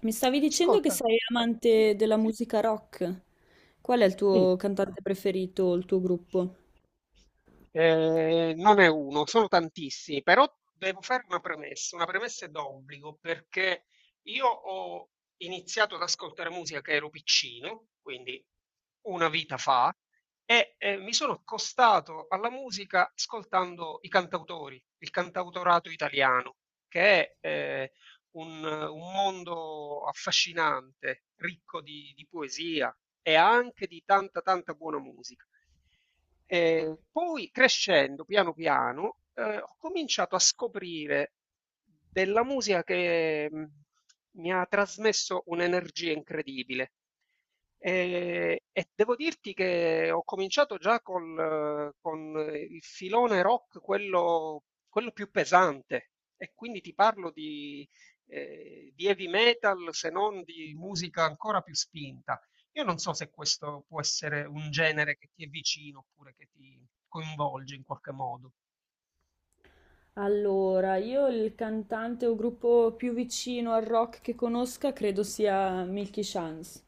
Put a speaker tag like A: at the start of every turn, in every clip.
A: Mi stavi dicendo che
B: Ascolta,
A: sei
B: sì,
A: amante della musica rock. Qual è il
B: sì,
A: tuo cantante preferito, o il tuo gruppo?
B: non è uno, sono tantissimi, però devo fare una premessa d'obbligo, perché io ho iniziato ad ascoltare musica che ero piccino, quindi una vita fa, e mi sono accostato alla musica ascoltando i cantautori, il cantautorato italiano, che è un mondo affascinante, ricco di poesia e anche di tanta, tanta buona musica. E poi crescendo piano piano ho cominciato a scoprire della musica che mi ha trasmesso un'energia incredibile. E devo dirti che ho cominciato già con il filone rock, quello più pesante, e quindi ti parlo di heavy metal, se non di musica ancora più spinta. Io non so se questo può essere un genere che ti è vicino oppure che ti coinvolge in qualche modo.
A: Allora, io il cantante o gruppo più vicino al rock che conosca credo sia Milky Chance.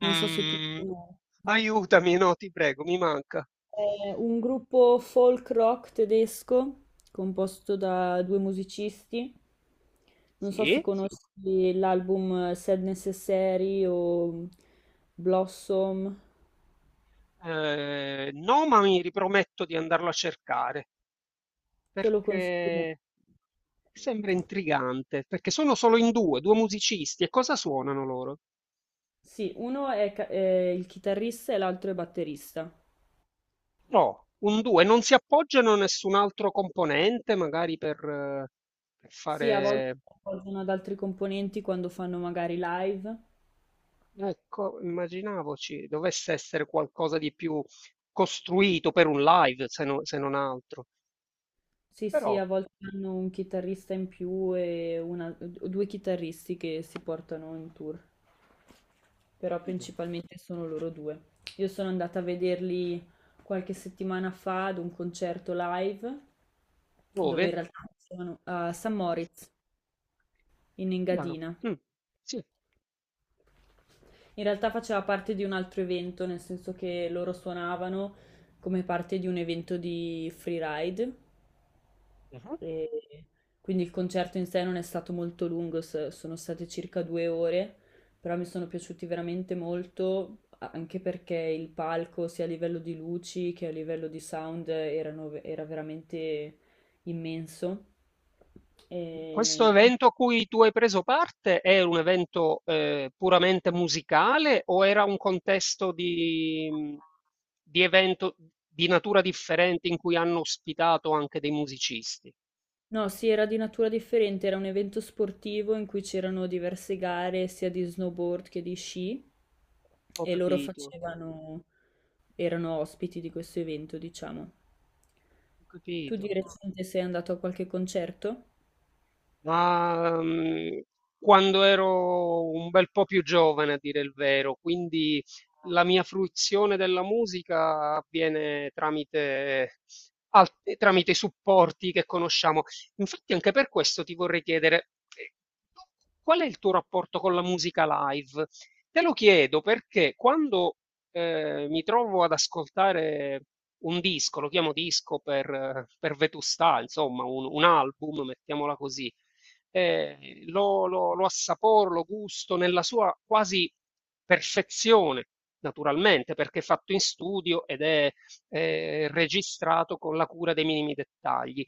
A: Non so se tu lo
B: Mm,
A: conosci.
B: aiutami, no, ti prego, mi manca.
A: È un gruppo folk rock tedesco composto da due musicisti. Non so se sì,
B: Sì?
A: conosci l'album Sad Necessary o Blossom.
B: No, ma mi riprometto di andarlo a cercare.
A: Te lo consiglio molto.
B: Perché sembra intrigante, perché sono solo in due, due musicisti, e cosa suonano loro?
A: Sì, uno è, è il chitarrista e l'altro è batterista.
B: No, un due, non si appoggiano a nessun altro componente, magari per
A: Sì, a volte
B: fare...
A: si appoggiano ad altri componenti quando fanno magari live.
B: Ecco, immaginavoci, dovesse essere qualcosa di più costruito per un live, se non altro.
A: Sì, sì,
B: Però,
A: a volte hanno un chitarrista in più e o due chitarristi che si portano in tour, però
B: no.
A: principalmente sono loro due. Io sono andata a vederli qualche settimana fa ad un concerto live dove in
B: Dove?
A: realtà sono a San Moritz in
B: Chiaro.
A: Engadina.
B: Mm, sì.
A: In realtà faceva parte di un altro evento, nel senso che loro suonavano come parte di un evento di freeride,
B: Mhm.
A: e quindi il concerto in sé non è stato molto lungo, sono state circa 2 ore, però mi sono piaciuti veramente molto, anche perché il palco, sia a livello di luci che a livello di sound, era veramente immenso.
B: Questo
A: E, e
B: evento a cui tu hai preso parte è un evento puramente musicale o era un contesto di evento di natura differente in cui hanno ospitato anche dei musicisti?
A: No, sì, era di natura differente, era un evento sportivo in cui c'erano diverse gare sia di snowboard che di sci
B: Ho
A: e loro
B: capito,
A: facevano, erano ospiti di questo evento, diciamo.
B: ho
A: Tu
B: capito.
A: di recente sei andato a qualche concerto?
B: Ma, mhmm, quando ero un bel po' più giovane a dire il vero, quindi la mia fruizione della musica avviene al tramite i supporti che conosciamo. Infatti anche per questo ti vorrei chiedere, ehm, qual è il tuo rapporto con la musica live? Te lo chiedo perché quando mi trovo ad ascoltare un disco, lo chiamo disco per vetustà, insomma un album, mettiamola così lo assaporo, lo gusto nella sua quasi perfezione, naturalmente, perché è fatto in studio ed è registrato con la cura dei minimi dettagli.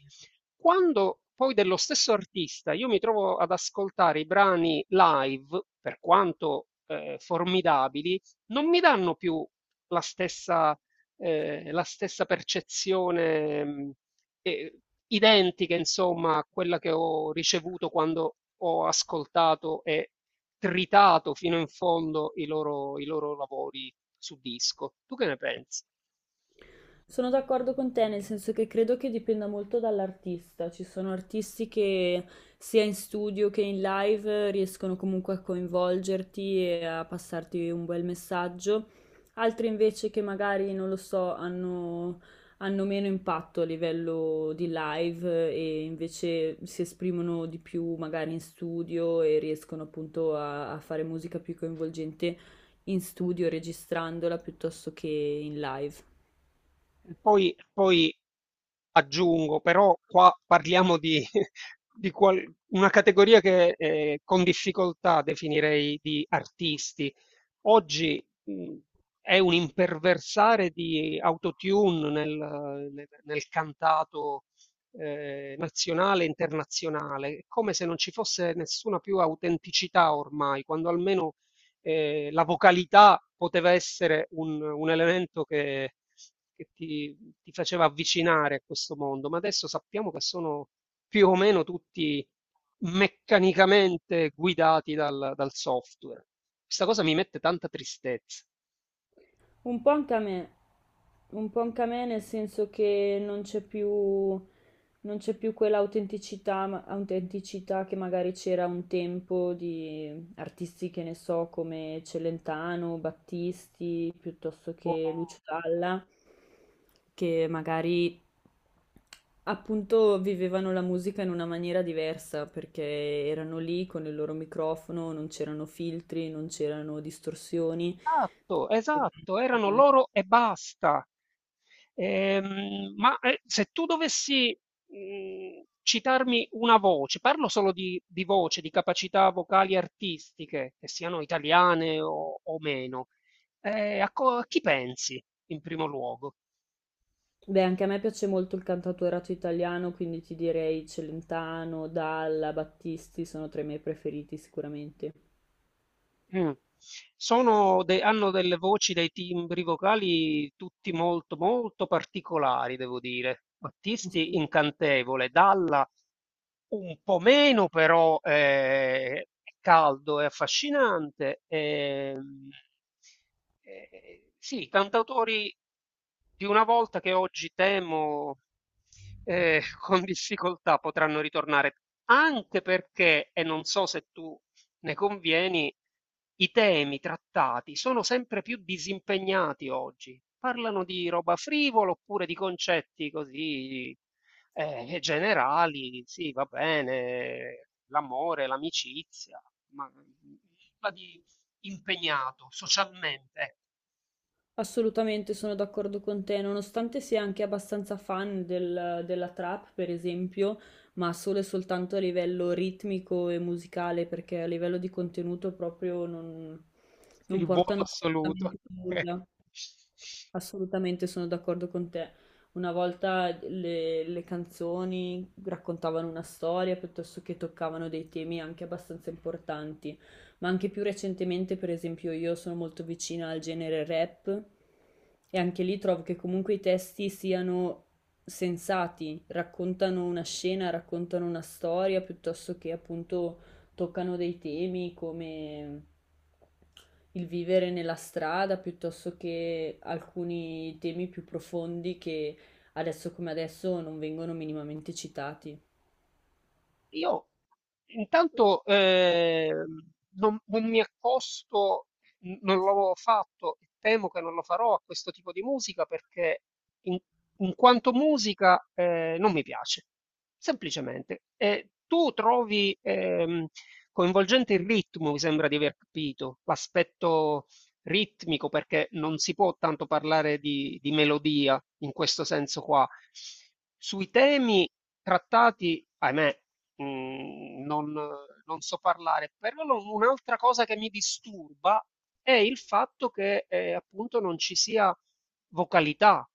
B: Quando poi dello stesso artista io mi trovo ad ascoltare i brani live, per quanto formidabili, non mi danno più la stessa, la stessa percezione eh, identiche, insomma, a quella che ho ricevuto quando ho ascoltato e tritato fino in fondo i loro lavori su disco. Tu che ne pensi?
A: Sono d'accordo con te, nel senso che credo che dipenda molto dall'artista. Ci sono artisti che sia in studio che in live riescono comunque a coinvolgerti e a passarti un bel messaggio, altri invece che magari, non lo so, hanno, hanno meno impatto a livello di live e invece si esprimono di più magari in studio e riescono appunto a, a fare musica più coinvolgente in studio registrandola piuttosto che in live.
B: E poi, poi aggiungo, però qua parliamo di, di qual- una categoria che con difficoltà definirei di artisti, oggi è un imperversare di autotune nel cantato nazionale e internazionale, è come se non ci fosse nessuna più autenticità ormai, quando almeno la vocalità poteva essere un elemento che ti faceva avvicinare a questo mondo, ma adesso sappiamo che sono più o meno tutti meccanicamente guidati dal software. Questa cosa mi mette tanta tristezza.
A: Un po' anche a me, un po' anche a me nel senso che non c'è più, non c'è più quell'autenticità autenticità che magari c'era un tempo di artisti che ne so, come Celentano, Battisti, piuttosto che
B: Oh,
A: Lucio Dalla, che magari appunto vivevano la musica in una maniera diversa, perché erano lì con il loro microfono, non c'erano filtri, non c'erano distorsioni.
B: esatto, esatto, erano loro e basta. Ma se tu dovessi citarmi una voce, parlo solo di voce, di capacità vocali artistiche, che siano italiane o meno, a chi pensi in primo luogo?
A: Beh, anche a me piace molto il cantautorato italiano, quindi ti direi Celentano, Dalla, Battisti sono tra i miei preferiti sicuramente.
B: Mh. Sono de hanno delle voci, dei timbri vocali tutti molto, molto particolari devo dire. Battisti incantevole, Dalla un po' meno però, è caldo e affascinante. Ehm, sì, cantautori di una volta che oggi temo, con difficoltà potranno ritornare, anche perché, e non so se tu ne convieni, i temi trattati sono sempre più disimpegnati oggi. Parlano di roba frivola oppure di concetti così generali. Sì, va bene, l'amore, l'amicizia, ma nulla di impegnato socialmente.
A: Assolutamente sono d'accordo con te, nonostante sia anche abbastanza fan del della trap, per esempio, ma solo e soltanto a livello ritmico e musicale, perché a livello di contenuto proprio non
B: Il vuoto
A: portano
B: assoluto.
A: assolutamente nulla. Assolutamente sono d'accordo con te. Una volta le canzoni raccontavano una storia piuttosto che toccavano dei temi anche abbastanza importanti, ma anche più recentemente, per esempio, io sono molto vicina al genere rap e anche lì trovo che comunque i testi siano sensati, raccontano una scena, raccontano una storia piuttosto che appunto toccano dei temi come il vivere nella strada piuttosto che alcuni temi più profondi che adesso come adesso non vengono minimamente citati.
B: Io intanto, non mi accosto, non l'avevo fatto e temo che non lo farò a questo tipo di musica perché in, in quanto musica non mi piace, semplicemente. E tu trovi coinvolgente il ritmo, mi sembra di aver capito, l'aspetto ritmico perché non si può tanto parlare di melodia in questo senso qua. Sui temi trattati, ahimè, mhmm, non so parlare. Però lo un'altra cosa che mi disturba è il fatto che, appunto non ci sia vocalità.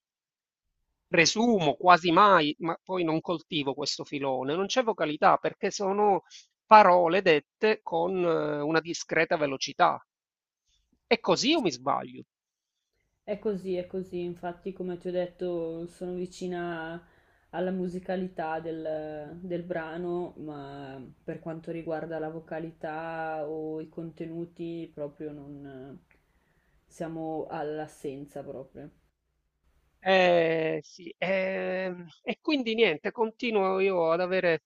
B: Presumo, quasi mai, ma poi non coltivo questo filone, non c'è vocalità perché sono parole dette con una discreta velocità. È così o mi sbaglio?
A: È così, infatti come ti ho detto sono vicina alla musicalità del, del brano, ma per quanto riguarda la vocalità o i contenuti proprio non siamo all'assenza proprio.
B: Sì, e quindi niente, continuo io ad avere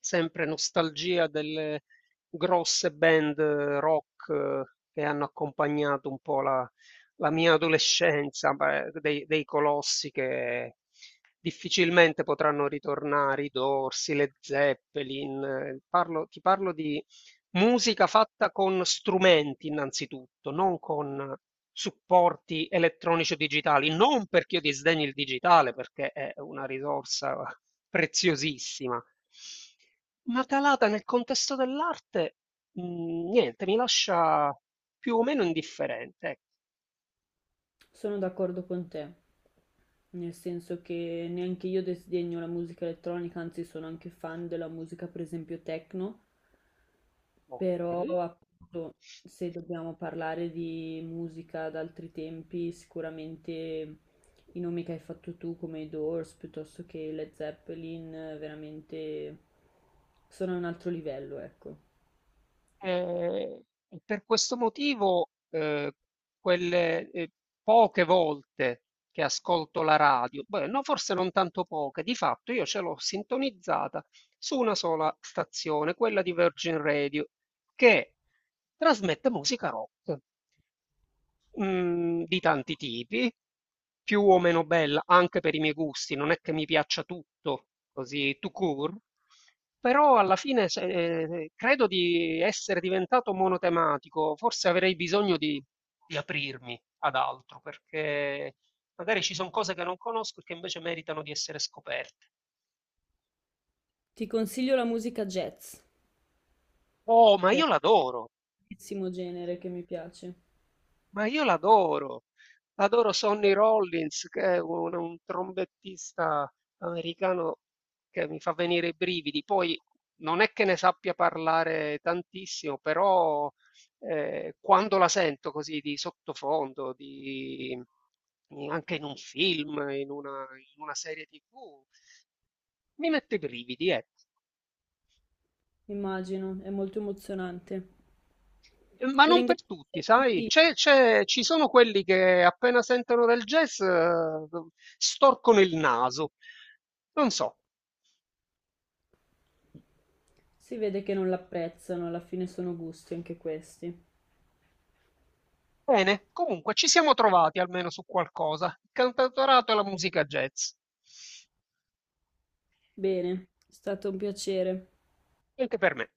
B: sempre nostalgia delle grosse band rock che hanno accompagnato un po' la mia adolescenza, beh, dei colossi che difficilmente potranno ritornare, i Dorsi, le Zeppelin. Ti parlo di musica fatta con strumenti innanzitutto, non con supporti elettronici o digitali, non perché io disdegni il digitale, perché è una risorsa preziosissima, ma calata nel contesto dell'arte, niente, mi lascia più o meno indifferente, ecco.
A: Sono d'accordo con te, nel senso che neanche io disdegno la musica elettronica, anzi sono anche fan della musica, per esempio, techno,
B: Ok.
A: però appunto se dobbiamo parlare di musica ad altri tempi, sicuramente i nomi che hai fatto tu come i Doors piuttosto che i Led Zeppelin, veramente sono a un altro livello, ecco.
B: Ehm, e per questo motivo, quelle, ehm, poche volte che ascolto la radio, beh, no, forse non tanto poche, di fatto io ce l'ho sintonizzata su una sola stazione, quella di Virgin Radio, che trasmette musica rock mhmm, di tanti tipi, più o meno bella anche per i miei gusti, non è che mi piaccia tutto così tout court, però alla fine se credo di essere diventato monotematico, forse avrei bisogno di aprirmi ad altro, perché magari ci son cose che non conosco e che invece meritano di essere scoperte.
A: Ti consiglio la musica jazz,
B: Oh, ma
A: che è
B: io
A: un
B: l'adoro!
A: bellissimo genere che mi piace.
B: Ma io l'adoro, adoro Sonny Rollins, che è un trombettista americano che mi fa venire i brividi. Poi non è che ne sappia parlare tantissimo, però quando la sento così di sottofondo, anche in un film, in una serie TV, mi mette i brividi, ecco.
A: Immagino, è molto emozionante.
B: Ma
A: Ti
B: non per
A: ringrazio per
B: tutti,
A: i
B: sai?
A: consigli.
B: Ci sono quelli che appena sentono del jazz storcono il naso. Non so.
A: Si vede che non l'apprezzano, alla fine sono gusti anche questi.
B: Bene, comunque ci siamo trovati almeno su qualcosa. Il cantautorato e la musica jazz.
A: Bene, è stato un piacere.
B: Anche per me.